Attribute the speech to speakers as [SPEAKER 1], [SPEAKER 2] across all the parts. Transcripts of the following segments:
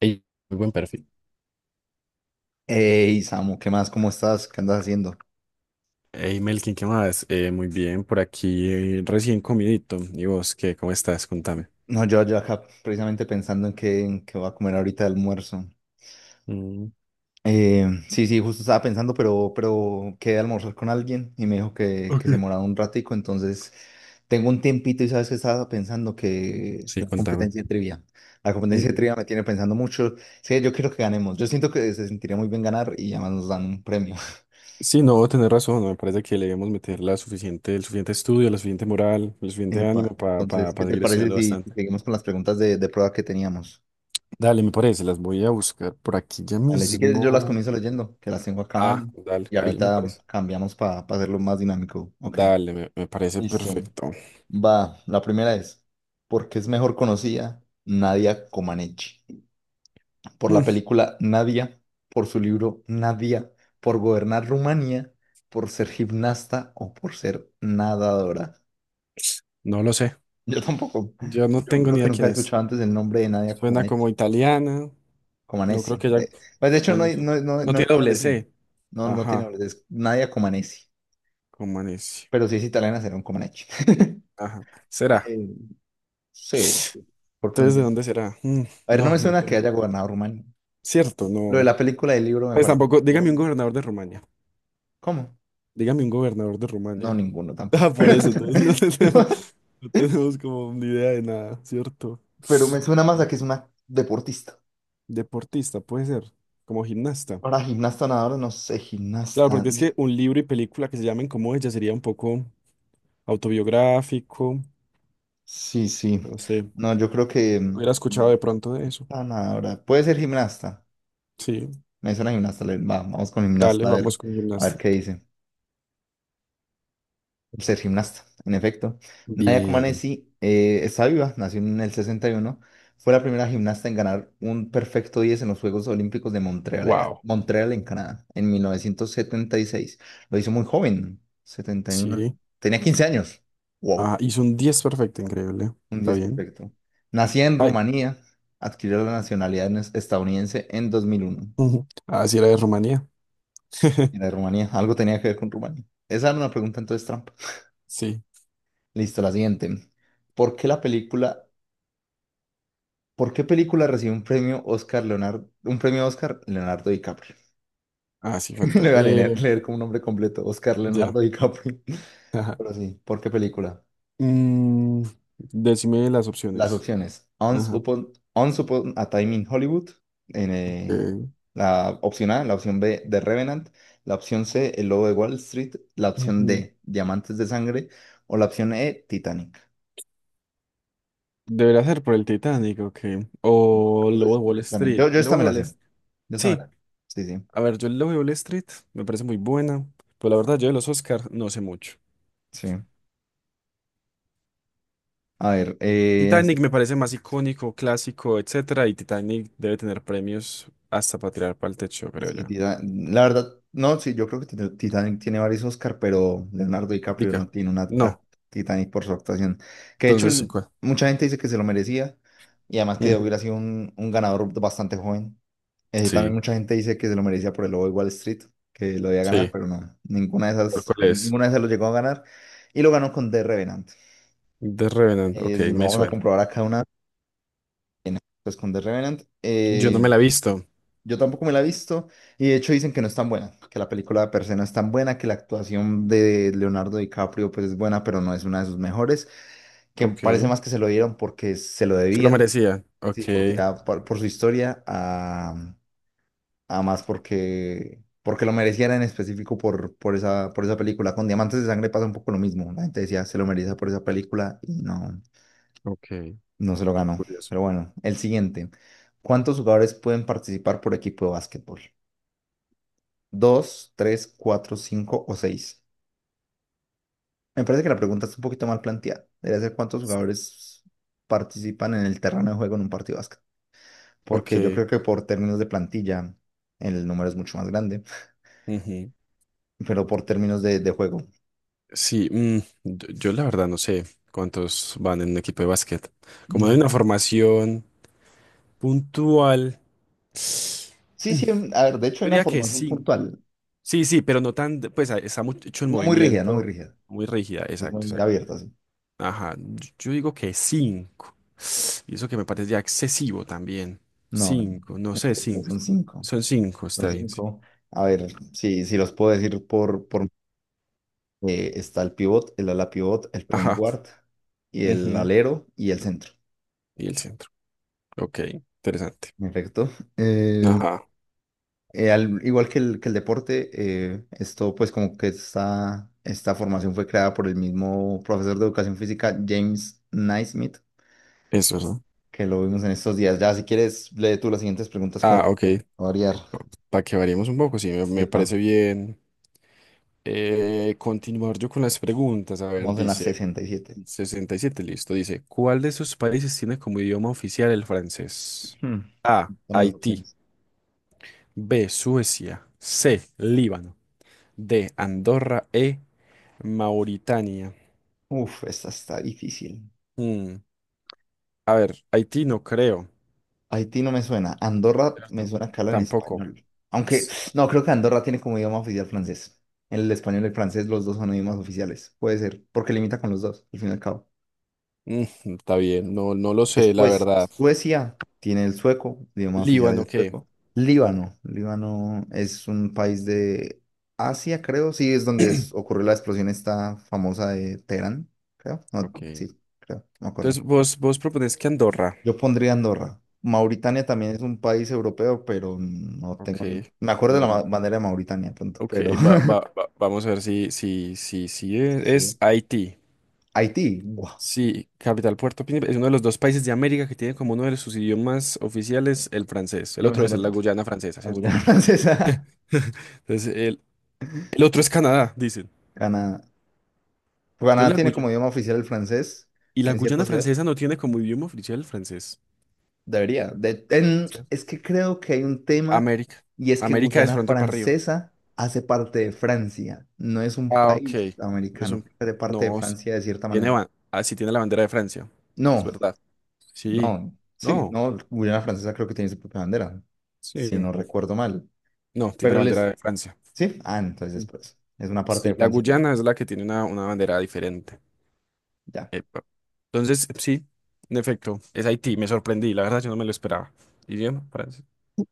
[SPEAKER 1] Ey, muy buen perfil.
[SPEAKER 2] Hey, Samu, ¿qué más? ¿Cómo estás? ¿Qué andas haciendo?
[SPEAKER 1] Hey Melkin, ¿qué más? Muy bien, por aquí recién comidito. ¿Y vos qué? ¿Cómo estás? Contame.
[SPEAKER 2] No, yo acá precisamente pensando en qué voy a comer ahorita de almuerzo.
[SPEAKER 1] Mm.
[SPEAKER 2] Sí, sí, justo estaba pensando, pero quedé a almorzar con alguien y me dijo que se
[SPEAKER 1] Ok.
[SPEAKER 2] moraba un ratico. Entonces tengo un tiempito y sabes que estaba pensando que
[SPEAKER 1] Sí,
[SPEAKER 2] la
[SPEAKER 1] contame.
[SPEAKER 2] competencia de trivia, la competencia de
[SPEAKER 1] Ujú.
[SPEAKER 2] trivia me tiene pensando mucho. Sí, yo quiero que ganemos, yo siento que se sentiría muy bien ganar y además nos dan un premio.
[SPEAKER 1] Sí, no, tenés razón. Me parece que le debemos meter la suficiente, el suficiente estudio, la suficiente moral, el suficiente
[SPEAKER 2] Epa,
[SPEAKER 1] ánimo
[SPEAKER 2] entonces,
[SPEAKER 1] para
[SPEAKER 2] ¿qué te
[SPEAKER 1] seguir
[SPEAKER 2] parece
[SPEAKER 1] estudiando
[SPEAKER 2] si
[SPEAKER 1] bastante.
[SPEAKER 2] seguimos con las preguntas de prueba que teníamos?
[SPEAKER 1] Dale, me parece, las voy a buscar por aquí ya
[SPEAKER 2] Vale, si quieres yo las
[SPEAKER 1] mismo.
[SPEAKER 2] comienzo leyendo, que las tengo acá mal.
[SPEAKER 1] Ah, dale,
[SPEAKER 2] Y
[SPEAKER 1] dale, me
[SPEAKER 2] ahorita
[SPEAKER 1] parece.
[SPEAKER 2] cambiamos para hacerlo más dinámico. Ok.
[SPEAKER 1] Dale, me parece
[SPEAKER 2] Listo.
[SPEAKER 1] perfecto.
[SPEAKER 2] Va, la primera es: ¿por qué es mejor conocida Nadia Comaneci? ¿Por la
[SPEAKER 1] Mm.
[SPEAKER 2] película Nadia, por su libro Nadia, por gobernar Rumanía, por ser gimnasta o por ser nadadora?
[SPEAKER 1] No lo sé.
[SPEAKER 2] Yo tampoco.
[SPEAKER 1] Yo no
[SPEAKER 2] Yo
[SPEAKER 1] tengo
[SPEAKER 2] creo
[SPEAKER 1] ni
[SPEAKER 2] que
[SPEAKER 1] idea
[SPEAKER 2] nunca he
[SPEAKER 1] quién es.
[SPEAKER 2] escuchado antes el nombre de Nadia
[SPEAKER 1] Suena
[SPEAKER 2] Comaneci.
[SPEAKER 1] como italiana. No creo
[SPEAKER 2] Comaneci.
[SPEAKER 1] que ya.
[SPEAKER 2] De, pues de hecho
[SPEAKER 1] Ah,
[SPEAKER 2] no
[SPEAKER 1] no
[SPEAKER 2] hay,
[SPEAKER 1] sé.
[SPEAKER 2] no, no, no hay
[SPEAKER 1] No
[SPEAKER 2] una
[SPEAKER 1] tiene doble
[SPEAKER 2] adolescente.
[SPEAKER 1] C.
[SPEAKER 2] No, no tiene
[SPEAKER 1] Ajá.
[SPEAKER 2] adolescente. Nadia Comaneci.
[SPEAKER 1] Como necio.
[SPEAKER 2] Pero si es italiana será un Comaneci.
[SPEAKER 1] Ajá. Será.
[SPEAKER 2] Eh, Sí, por
[SPEAKER 1] Entonces, ¿de dónde
[SPEAKER 2] pronunciación.
[SPEAKER 1] será? Mm,
[SPEAKER 2] A ver, no
[SPEAKER 1] no,
[SPEAKER 2] me
[SPEAKER 1] no
[SPEAKER 2] suena que
[SPEAKER 1] tengo.
[SPEAKER 2] haya gobernado Rumania.
[SPEAKER 1] Cierto,
[SPEAKER 2] Lo de
[SPEAKER 1] no.
[SPEAKER 2] la película del libro me
[SPEAKER 1] Pues
[SPEAKER 2] parece.
[SPEAKER 1] tampoco.
[SPEAKER 2] No,
[SPEAKER 1] Dígame un gobernador de Rumania.
[SPEAKER 2] ¿cómo?
[SPEAKER 1] Dígame un gobernador de
[SPEAKER 2] No,
[SPEAKER 1] Rumania.
[SPEAKER 2] ninguno
[SPEAKER 1] Ah,
[SPEAKER 2] tampoco.
[SPEAKER 1] por eso, entonces no tenemos,
[SPEAKER 2] Pero,
[SPEAKER 1] no tenemos como ni idea de nada, ¿cierto?
[SPEAKER 2] pero me suena más a que es una deportista.
[SPEAKER 1] Deportista, puede ser. Como gimnasta.
[SPEAKER 2] Ahora, gimnasta, nadadora, no sé,
[SPEAKER 1] Claro,
[SPEAKER 2] gimnasta.
[SPEAKER 1] porque es que un libro y película que se llamen como ella sería un poco autobiográfico.
[SPEAKER 2] Sí, sí.
[SPEAKER 1] No sé.
[SPEAKER 2] No, yo creo que.
[SPEAKER 1] Hubiera escuchado
[SPEAKER 2] Gimnasta,
[SPEAKER 1] de pronto de eso.
[SPEAKER 2] nadadora. Puede ser gimnasta.
[SPEAKER 1] Sí,
[SPEAKER 2] Me suena gimnasta. Va, vamos con
[SPEAKER 1] dale,
[SPEAKER 2] gimnasta
[SPEAKER 1] vamos con
[SPEAKER 2] a ver
[SPEAKER 1] gimnasta.
[SPEAKER 2] qué dice. Por ser gimnasta, en efecto. Nadia
[SPEAKER 1] Bien.
[SPEAKER 2] Comaneci está viva, nació en el sesenta y uno. Fue la primera gimnasta en ganar un perfecto 10 en los Juegos Olímpicos de Montreal,
[SPEAKER 1] Wow.
[SPEAKER 2] Montreal en Canadá, en 1976. Lo hizo muy joven, 71.
[SPEAKER 1] Sí.
[SPEAKER 2] Tenía 15 años. Wow,
[SPEAKER 1] Ah, hizo un 10 perfecto, increíble.
[SPEAKER 2] un
[SPEAKER 1] Está
[SPEAKER 2] 10
[SPEAKER 1] bien.
[SPEAKER 2] perfecto. Nacida en
[SPEAKER 1] Ay.
[SPEAKER 2] Rumanía, adquirió la nacionalidad estadounidense en 2001.
[SPEAKER 1] Ujú. Ah, sí, era de Rumanía.
[SPEAKER 2] Era de Rumanía, algo tenía que ver con Rumanía. Esa era una pregunta entonces trampa.
[SPEAKER 1] Sí.
[SPEAKER 2] Listo, la siguiente. ¿Por qué la película ¿Por qué película recibió un premio Oscar Leonardo DiCaprio?
[SPEAKER 1] Ah, sí,
[SPEAKER 2] Le voy
[SPEAKER 1] falta.
[SPEAKER 2] a leer, leer como un nombre completo, Oscar
[SPEAKER 1] Ya.
[SPEAKER 2] Leonardo DiCaprio.
[SPEAKER 1] Ajá.
[SPEAKER 2] Pero sí, ¿por qué película?
[SPEAKER 1] Mm, decime las
[SPEAKER 2] Las
[SPEAKER 1] opciones.
[SPEAKER 2] opciones:
[SPEAKER 1] Ajá.
[SPEAKER 2] Once Upon a Time in Hollywood, en,
[SPEAKER 1] Ok.
[SPEAKER 2] eh, la opción A, la opción B, The Revenant, la opción C, El Lobo de Wall Street, la opción
[SPEAKER 1] Ujú.
[SPEAKER 2] D, Diamantes de Sangre, o la opción E, Titanic.
[SPEAKER 1] Debería ser por el Titanic, ok. O
[SPEAKER 2] No sé
[SPEAKER 1] Lobo
[SPEAKER 2] si
[SPEAKER 1] de
[SPEAKER 2] por
[SPEAKER 1] Wall
[SPEAKER 2] Titanic.
[SPEAKER 1] Street.
[SPEAKER 2] Yo
[SPEAKER 1] El
[SPEAKER 2] esta
[SPEAKER 1] Lobo
[SPEAKER 2] me
[SPEAKER 1] de
[SPEAKER 2] la
[SPEAKER 1] Wall
[SPEAKER 2] sé.
[SPEAKER 1] Street.
[SPEAKER 2] Yo esta me
[SPEAKER 1] Sí.
[SPEAKER 2] la Sí, sí,
[SPEAKER 1] A ver, yo el Lobo de Wall Street me parece muy buena. Pero la verdad, yo de los Oscars no sé mucho.
[SPEAKER 2] sí. A ver,
[SPEAKER 1] Titanic me parece más icónico, clásico, etcétera, y Titanic debe tener premios hasta para tirar para el techo, creo
[SPEAKER 2] Sí,
[SPEAKER 1] yo.
[SPEAKER 2] La verdad, no, sí, yo creo que Titanic tiene varios Oscar, pero Leonardo DiCaprio no
[SPEAKER 1] Dica.
[SPEAKER 2] tiene una
[SPEAKER 1] No.
[SPEAKER 2] Titanic por su actuación. Que de hecho,
[SPEAKER 1] Entonces, ¿cuál?
[SPEAKER 2] mucha gente dice que se lo merecía y además que
[SPEAKER 1] Ujú.
[SPEAKER 2] hubiera sido un ganador bastante joven. También
[SPEAKER 1] Sí,
[SPEAKER 2] mucha gente dice que se lo merecía por el Lobo de Wall Street, que lo debía ganar,
[SPEAKER 1] sí.
[SPEAKER 2] pero no, ninguna de
[SPEAKER 1] ¿Cuál,
[SPEAKER 2] esas,
[SPEAKER 1] cuál es?
[SPEAKER 2] ninguna de esas lo llegó a ganar y lo ganó con The Revenant.
[SPEAKER 1] The Revenant. Ok,
[SPEAKER 2] Lo
[SPEAKER 1] me
[SPEAKER 2] vamos a
[SPEAKER 1] suena.
[SPEAKER 2] comprobar acá pues con The Revenant.
[SPEAKER 1] Yo no me la he visto.
[SPEAKER 2] Yo tampoco me la he visto y de hecho dicen que no es tan buena, que la película per se no es tan buena, que la actuación de Leonardo DiCaprio pues es buena, pero no es una de sus mejores, que parece
[SPEAKER 1] Ok.
[SPEAKER 2] más que se lo dieron porque se lo
[SPEAKER 1] Se lo
[SPEAKER 2] debían,
[SPEAKER 1] merecía. Ok,
[SPEAKER 2] sí, porque ya por su historia, a más porque lo mereciera en específico por esa película. Con Diamantes de Sangre pasa un poco lo mismo, la gente decía se lo merecía por esa película y no,
[SPEAKER 1] ok.
[SPEAKER 2] no se lo ganó.
[SPEAKER 1] Curioso.
[SPEAKER 2] Pero bueno, el siguiente. ¿Cuántos jugadores pueden participar por equipo de básquetbol? Dos, tres, cuatro, cinco o seis. Me parece que la pregunta está un poquito mal planteada. Debería ser cuántos jugadores participan en el terreno de juego en un partido de básquet. Porque yo
[SPEAKER 1] Ok.
[SPEAKER 2] creo que por términos de plantilla, el número es mucho más grande,
[SPEAKER 1] Ujú.
[SPEAKER 2] pero por términos de juego,
[SPEAKER 1] Sí, mm, yo la verdad no sé cuántos van en un equipo de básquet. Como hay
[SPEAKER 2] no.
[SPEAKER 1] una formación puntual.
[SPEAKER 2] Sí, sí, a ver, de hecho
[SPEAKER 1] Yo
[SPEAKER 2] hay una
[SPEAKER 1] diría que
[SPEAKER 2] formación
[SPEAKER 1] 5.
[SPEAKER 2] puntual.
[SPEAKER 1] Sí, sí, pero no tan, de- pues a- está mucho en
[SPEAKER 2] No muy rígida, no muy
[SPEAKER 1] movimiento,
[SPEAKER 2] rígida.
[SPEAKER 1] muy rígida,
[SPEAKER 2] Es
[SPEAKER 1] exacto,
[SPEAKER 2] muy
[SPEAKER 1] exacto.
[SPEAKER 2] abierta, sí.
[SPEAKER 1] Ajá, yo digo que 5. Y eso que me parece ya excesivo también.
[SPEAKER 2] No, en
[SPEAKER 1] Cinco, no sé,
[SPEAKER 2] efecto,
[SPEAKER 1] 5.
[SPEAKER 2] son cinco.
[SPEAKER 1] Son 5,
[SPEAKER 2] Son
[SPEAKER 1] está bien. Sí.
[SPEAKER 2] cinco. A ver, si los puedo decir por está el pivot, el ala pivot, el point
[SPEAKER 1] Ajá.
[SPEAKER 2] guard, y el
[SPEAKER 1] Ujú,
[SPEAKER 2] alero y el centro.
[SPEAKER 1] y el centro. Ok, interesante.
[SPEAKER 2] En efecto. Eh,
[SPEAKER 1] Ajá,
[SPEAKER 2] Igual que el deporte, esto pues como que esta formación fue creada por el mismo profesor de educación física, James Naismith,
[SPEAKER 1] eso, ¿no?
[SPEAKER 2] que lo vimos en estos días. Ya si quieres, lee tú las siguientes preguntas como
[SPEAKER 1] Ah,
[SPEAKER 2] para no
[SPEAKER 1] ok.
[SPEAKER 2] variar.
[SPEAKER 1] Para que variemos un poco, sí, me
[SPEAKER 2] Epa,
[SPEAKER 1] parece bien. Continuar yo con las preguntas. A ver,
[SPEAKER 2] vamos en las
[SPEAKER 1] dice
[SPEAKER 2] 67.
[SPEAKER 1] 67, listo. Dice, ¿cuál de esos países tiene como idioma oficial el francés?
[SPEAKER 2] Hmm.
[SPEAKER 1] A,
[SPEAKER 2] Dame las
[SPEAKER 1] Haití.
[SPEAKER 2] opciones.
[SPEAKER 1] B, Suecia. C, Líbano. D, Andorra. E, Mauritania.
[SPEAKER 2] Uf, esta está difícil.
[SPEAKER 1] Mm, a ver, Haití no creo.
[SPEAKER 2] Haití no me suena. Andorra me
[SPEAKER 1] ¿Cierto?
[SPEAKER 2] suena que habla en
[SPEAKER 1] Tampoco.
[SPEAKER 2] español. Aunque,
[SPEAKER 1] S-
[SPEAKER 2] no, creo que Andorra tiene como idioma oficial francés. El español y el francés, los dos son idiomas oficiales. Puede ser, porque limita con los dos, al fin y al cabo.
[SPEAKER 1] mm, está bien, no, no lo sé, la
[SPEAKER 2] Después,
[SPEAKER 1] verdad.
[SPEAKER 2] Suecia tiene el sueco, el idioma oficial es
[SPEAKER 1] Líbano,
[SPEAKER 2] el
[SPEAKER 1] ¿qué?
[SPEAKER 2] sueco. Líbano, Líbano es un país de Asia, creo, sí, es donde ocurrió la explosión esta famosa de Teherán, creo. No, sí,
[SPEAKER 1] Ok.
[SPEAKER 2] creo, no me acuerdo.
[SPEAKER 1] Entonces, vos, vos propones que Andorra.
[SPEAKER 2] Yo pondría Andorra. Mauritania también es un país europeo, pero no
[SPEAKER 1] Ok.
[SPEAKER 2] tengo. Me acuerdo de la
[SPEAKER 1] Vamos.
[SPEAKER 2] bandera de Mauritania pronto,
[SPEAKER 1] Ok,
[SPEAKER 2] pero.
[SPEAKER 1] va, va, va- vamos a ver si, si, si, si es,
[SPEAKER 2] Sí, sí.
[SPEAKER 1] es Haití.
[SPEAKER 2] Haití. Buah,
[SPEAKER 1] Sí, capital Puerto Príncipe. Es uno de los dos países de América que tiene como uno de sus idiomas oficiales el francés. El
[SPEAKER 2] yo me
[SPEAKER 1] otro
[SPEAKER 2] sé el
[SPEAKER 1] es la
[SPEAKER 2] otro.
[SPEAKER 1] Guyana francesa,
[SPEAKER 2] La
[SPEAKER 1] ¿cierto?
[SPEAKER 2] Guyana Francesa.
[SPEAKER 1] Entonces, el otro es Canadá, dicen.
[SPEAKER 2] Canadá.
[SPEAKER 1] Entonces,
[SPEAKER 2] Canadá
[SPEAKER 1] la
[SPEAKER 2] tiene
[SPEAKER 1] Guyana.
[SPEAKER 2] como idioma oficial el francés
[SPEAKER 1] Y la
[SPEAKER 2] en
[SPEAKER 1] Guyana
[SPEAKER 2] ciertas ciudades.
[SPEAKER 1] francesa no tiene como idioma oficial el francés.
[SPEAKER 2] Debería.
[SPEAKER 1] ¿Cierto?
[SPEAKER 2] Es que creo que hay un tema
[SPEAKER 1] América.
[SPEAKER 2] y es que
[SPEAKER 1] América es
[SPEAKER 2] Guyana
[SPEAKER 1] pronto para arriba.
[SPEAKER 2] Francesa hace parte de Francia. No es un
[SPEAKER 1] Ah, ok.
[SPEAKER 2] país
[SPEAKER 1] No es
[SPEAKER 2] americano,
[SPEAKER 1] un-
[SPEAKER 2] hace parte de
[SPEAKER 1] no, s-
[SPEAKER 2] Francia de cierta
[SPEAKER 1] tiene,
[SPEAKER 2] manera.
[SPEAKER 1] ba- ah, sí tiene la bandera de Francia. Es
[SPEAKER 2] No.
[SPEAKER 1] verdad. Sí.
[SPEAKER 2] No, sí,
[SPEAKER 1] No.
[SPEAKER 2] no, Guyana Francesa creo que tiene su propia bandera,
[SPEAKER 1] Sí.
[SPEAKER 2] si no recuerdo mal.
[SPEAKER 1] No, tiene
[SPEAKER 2] Pero
[SPEAKER 1] la bandera
[SPEAKER 2] les,
[SPEAKER 1] de Francia.
[SPEAKER 2] sí, ah, entonces
[SPEAKER 1] Mm.
[SPEAKER 2] después, es una parte
[SPEAKER 1] Sí,
[SPEAKER 2] de
[SPEAKER 1] la
[SPEAKER 2] Francia,
[SPEAKER 1] Guyana es la que tiene una bandera diferente.
[SPEAKER 2] ya.
[SPEAKER 1] Epa. Entonces, sí, en efecto, es Haití. Me sorprendí, la verdad, yo no me lo esperaba. Idioma, francés.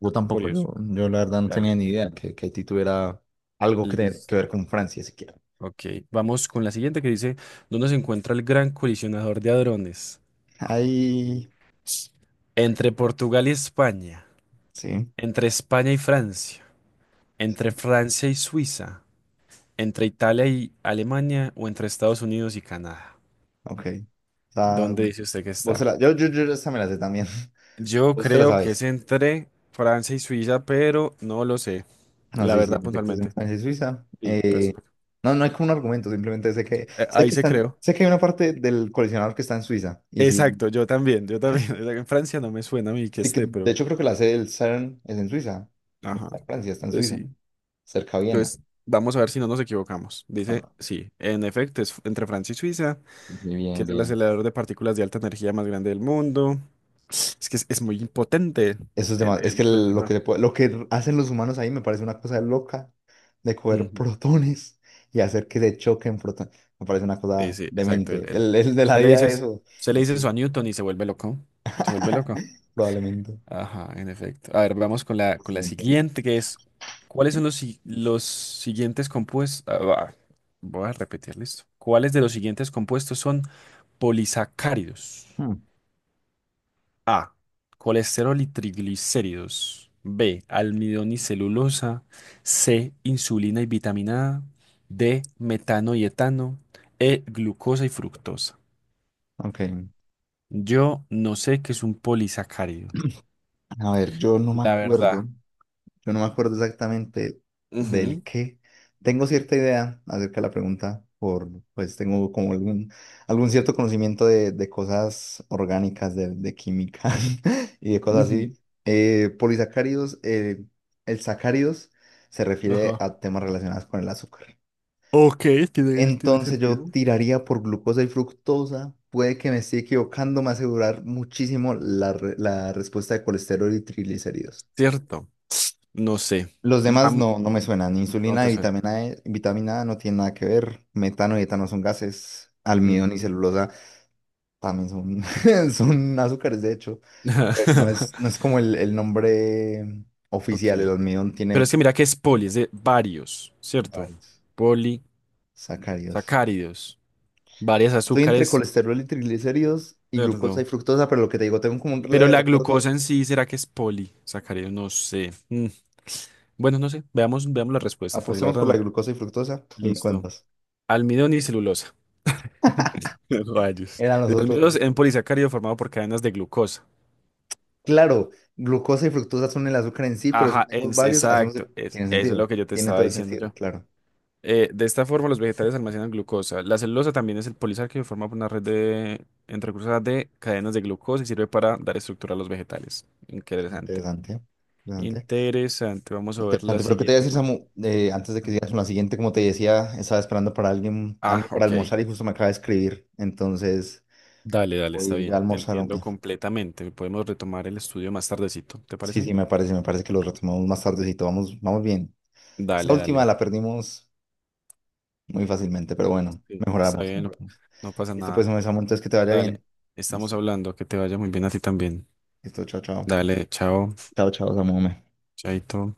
[SPEAKER 2] Yo tampoco,
[SPEAKER 1] Curioso.
[SPEAKER 2] yo la verdad no
[SPEAKER 1] Dale.
[SPEAKER 2] tenía ni idea que Haití tuviera algo que
[SPEAKER 1] Listo.
[SPEAKER 2] ver con Francia siquiera.
[SPEAKER 1] Ok, vamos con la siguiente que dice, ¿dónde se encuentra el gran colisionador de hadrones?
[SPEAKER 2] Ahí,
[SPEAKER 1] Entre Portugal y España,
[SPEAKER 2] sí,
[SPEAKER 1] entre España y Francia, entre Francia y Suiza, entre Italia y Alemania o entre Estados Unidos y Canadá.
[SPEAKER 2] ok. O sea,
[SPEAKER 1] ¿Dónde dice usted que está?
[SPEAKER 2] yo esta me la sé también.
[SPEAKER 1] Yo
[SPEAKER 2] Vos te la
[SPEAKER 1] creo que es
[SPEAKER 2] sabes.
[SPEAKER 1] entre Francia y Suiza, pero no lo sé,
[SPEAKER 2] No
[SPEAKER 1] la
[SPEAKER 2] sé si
[SPEAKER 1] verdad
[SPEAKER 2] en efecto es en
[SPEAKER 1] puntualmente.
[SPEAKER 2] Francia y Suiza.
[SPEAKER 1] Sí, pues
[SPEAKER 2] No, no hay como un argumento, simplemente sé
[SPEAKER 1] ahí
[SPEAKER 2] que
[SPEAKER 1] se
[SPEAKER 2] están,
[SPEAKER 1] creó.
[SPEAKER 2] sé que hay una parte del colisionador que está en Suiza, y sí.
[SPEAKER 1] Exacto, yo también, yo también. En Francia no me suena a mí que
[SPEAKER 2] Sí, que
[SPEAKER 1] esté,
[SPEAKER 2] de
[SPEAKER 1] pero...
[SPEAKER 2] hecho creo que la sede del CERN es en Suiza. No
[SPEAKER 1] Ajá,
[SPEAKER 2] está en Francia, está en
[SPEAKER 1] pues
[SPEAKER 2] Suiza,
[SPEAKER 1] sí.
[SPEAKER 2] cerca de Viena.
[SPEAKER 1] Pues vamos a ver si no nos equivocamos.
[SPEAKER 2] Ah,
[SPEAKER 1] Dice,
[SPEAKER 2] no.
[SPEAKER 1] sí, en efecto, es entre Francia y Suiza,
[SPEAKER 2] Sí, sí,
[SPEAKER 1] que
[SPEAKER 2] bien,
[SPEAKER 1] es el
[SPEAKER 2] bien.
[SPEAKER 1] acelerador de partículas de alta energía más grande del mundo. Es que es muy impotente
[SPEAKER 2] Eso es demás. Es que
[SPEAKER 1] el
[SPEAKER 2] lo que,
[SPEAKER 1] coleccionar.
[SPEAKER 2] lo que hacen los humanos ahí me parece una cosa loca de coger
[SPEAKER 1] Ujú.
[SPEAKER 2] protones y hacer que se choquen protones. Me parece una
[SPEAKER 1] Sí,
[SPEAKER 2] cosa
[SPEAKER 1] sí, exacto.
[SPEAKER 2] demente.
[SPEAKER 1] El-
[SPEAKER 2] El de la
[SPEAKER 1] usted le
[SPEAKER 2] vida
[SPEAKER 1] dice,
[SPEAKER 2] de eso
[SPEAKER 1] usted le
[SPEAKER 2] es
[SPEAKER 1] dice eso
[SPEAKER 2] tú.
[SPEAKER 1] a Newton y se vuelve loco. Se vuelve loco.
[SPEAKER 2] Probablemente.
[SPEAKER 1] Ajá, en efecto. A ver, vamos
[SPEAKER 2] Lo
[SPEAKER 1] con la
[SPEAKER 2] siguiente.
[SPEAKER 1] siguiente, que es, ¿cuáles son los, si- los siguientes compuestos? Voy a repetir, listo. ¿Cuáles de los siguientes compuestos son polisacáridos?
[SPEAKER 2] Hmm.
[SPEAKER 1] A, colesterol y triglicéridos. B, almidón y celulosa. C, insulina y vitamina A. D, metano y etano. E, glucosa y fructosa.
[SPEAKER 2] Ok.
[SPEAKER 1] Yo no sé qué es un polisacárido,
[SPEAKER 2] A ver, yo no me
[SPEAKER 1] la
[SPEAKER 2] acuerdo.
[SPEAKER 1] verdad.
[SPEAKER 2] Yo no me acuerdo exactamente del
[SPEAKER 1] Ujú,
[SPEAKER 2] qué. Tengo cierta idea acerca de la pregunta, pues tengo como algún cierto conocimiento de cosas orgánicas, de química y de cosas así.
[SPEAKER 1] ujú.
[SPEAKER 2] Polisacáridos, el sacáridos se refiere
[SPEAKER 1] Ajá.
[SPEAKER 2] a temas relacionados con el azúcar.
[SPEAKER 1] Ok, tiene, tiene
[SPEAKER 2] Entonces yo
[SPEAKER 1] sentido.
[SPEAKER 2] tiraría por glucosa y fructosa. Puede que me esté equivocando, me va a asegurar muchísimo la respuesta de colesterol y triglicéridos.
[SPEAKER 1] Cierto, no sé.
[SPEAKER 2] Los demás
[SPEAKER 1] Vam-
[SPEAKER 2] no, no me suenan.
[SPEAKER 1] no
[SPEAKER 2] Insulina
[SPEAKER 1] te
[SPEAKER 2] y
[SPEAKER 1] suena.
[SPEAKER 2] vitamina E, vitamina A no tienen nada que ver. Metano y etano son gases. Almidón
[SPEAKER 1] Ujú.
[SPEAKER 2] y celulosa también son, son azúcares, de hecho. Pero no es como el nombre
[SPEAKER 1] Ok.
[SPEAKER 2] oficial. El almidón tiene
[SPEAKER 1] Pero es que
[SPEAKER 2] otros
[SPEAKER 1] mira que es poli, es de varios, ¿cierto?
[SPEAKER 2] varios sacáridos.
[SPEAKER 1] Polisacáridos, varios
[SPEAKER 2] Estoy entre
[SPEAKER 1] azúcares,
[SPEAKER 2] colesterol y triglicéridos y glucosa
[SPEAKER 1] ¿cierto?
[SPEAKER 2] y fructosa, pero lo que te digo, tengo como un
[SPEAKER 1] Pero
[SPEAKER 2] leve
[SPEAKER 1] la glucosa
[SPEAKER 2] recuerdo.
[SPEAKER 1] en sí, ¿será que es polisacárido? No sé. Mm, bueno, no sé. Veamos, veamos la respuesta, porque la
[SPEAKER 2] Apostemos
[SPEAKER 1] verdad
[SPEAKER 2] por la
[SPEAKER 1] no.
[SPEAKER 2] glucosa y fructosa y me
[SPEAKER 1] Listo.
[SPEAKER 2] cuentas.
[SPEAKER 1] Almidón y celulosa. Rayos.
[SPEAKER 2] Eran los
[SPEAKER 1] De los
[SPEAKER 2] otros.
[SPEAKER 1] mismos en polisacárido formado por cadenas de glucosa.
[SPEAKER 2] Claro, glucosa y fructosa son el azúcar en sí, pero si
[SPEAKER 1] Ajá,
[SPEAKER 2] unimos
[SPEAKER 1] ens-
[SPEAKER 2] varios, hacemos
[SPEAKER 1] exacto.
[SPEAKER 2] el-
[SPEAKER 1] Es,
[SPEAKER 2] Tiene
[SPEAKER 1] eso es lo
[SPEAKER 2] sentido,
[SPEAKER 1] que yo te
[SPEAKER 2] tiene
[SPEAKER 1] estaba
[SPEAKER 2] todo el
[SPEAKER 1] diciendo
[SPEAKER 2] sentido,
[SPEAKER 1] yo.
[SPEAKER 2] claro.
[SPEAKER 1] De esta forma, los vegetales almacenan glucosa. La celulosa también es el polisacárido formado por una red de entre entrecruzadas de cadenas de glucosa y sirve para dar estructura a los vegetales. Interesante.
[SPEAKER 2] Interesante, interesante.
[SPEAKER 1] Interesante. Vamos a ver la
[SPEAKER 2] Interesante, pero ¿qué te voy a
[SPEAKER 1] siguiente
[SPEAKER 2] decir,
[SPEAKER 1] pregunta.
[SPEAKER 2] Samu? Antes de que sigas con la siguiente, como te decía, estaba esperando para alguien,
[SPEAKER 1] Ah,
[SPEAKER 2] para
[SPEAKER 1] ok.
[SPEAKER 2] almorzar y justo me acaba de escribir, entonces
[SPEAKER 1] Dale, dale, está
[SPEAKER 2] voy ya a
[SPEAKER 1] bien.
[SPEAKER 2] almorzaron.
[SPEAKER 1] Entiendo completamente. Podemos retomar el estudio más tardecito. ¿Te
[SPEAKER 2] Sí,
[SPEAKER 1] parece
[SPEAKER 2] sí,
[SPEAKER 1] bien?
[SPEAKER 2] me parece que lo retomamos más tardecito, vamos, vamos bien. Esta
[SPEAKER 1] Dale,
[SPEAKER 2] última
[SPEAKER 1] dale.
[SPEAKER 2] la perdimos muy fácilmente, pero bueno,
[SPEAKER 1] Sí. Está
[SPEAKER 2] mejoramos,
[SPEAKER 1] bien, no
[SPEAKER 2] mejoramos.
[SPEAKER 1] no pasa
[SPEAKER 2] Listo, pues,
[SPEAKER 1] nada.
[SPEAKER 2] hombre, Samu, entonces que te vaya
[SPEAKER 1] Dale,
[SPEAKER 2] bien.
[SPEAKER 1] estamos
[SPEAKER 2] Listo,
[SPEAKER 1] hablando, que te vaya muy bien a ti también.
[SPEAKER 2] listo, chao, chao.
[SPEAKER 1] Dale, chao,
[SPEAKER 2] Chao, chao, Samu. Hombre.
[SPEAKER 1] chaito.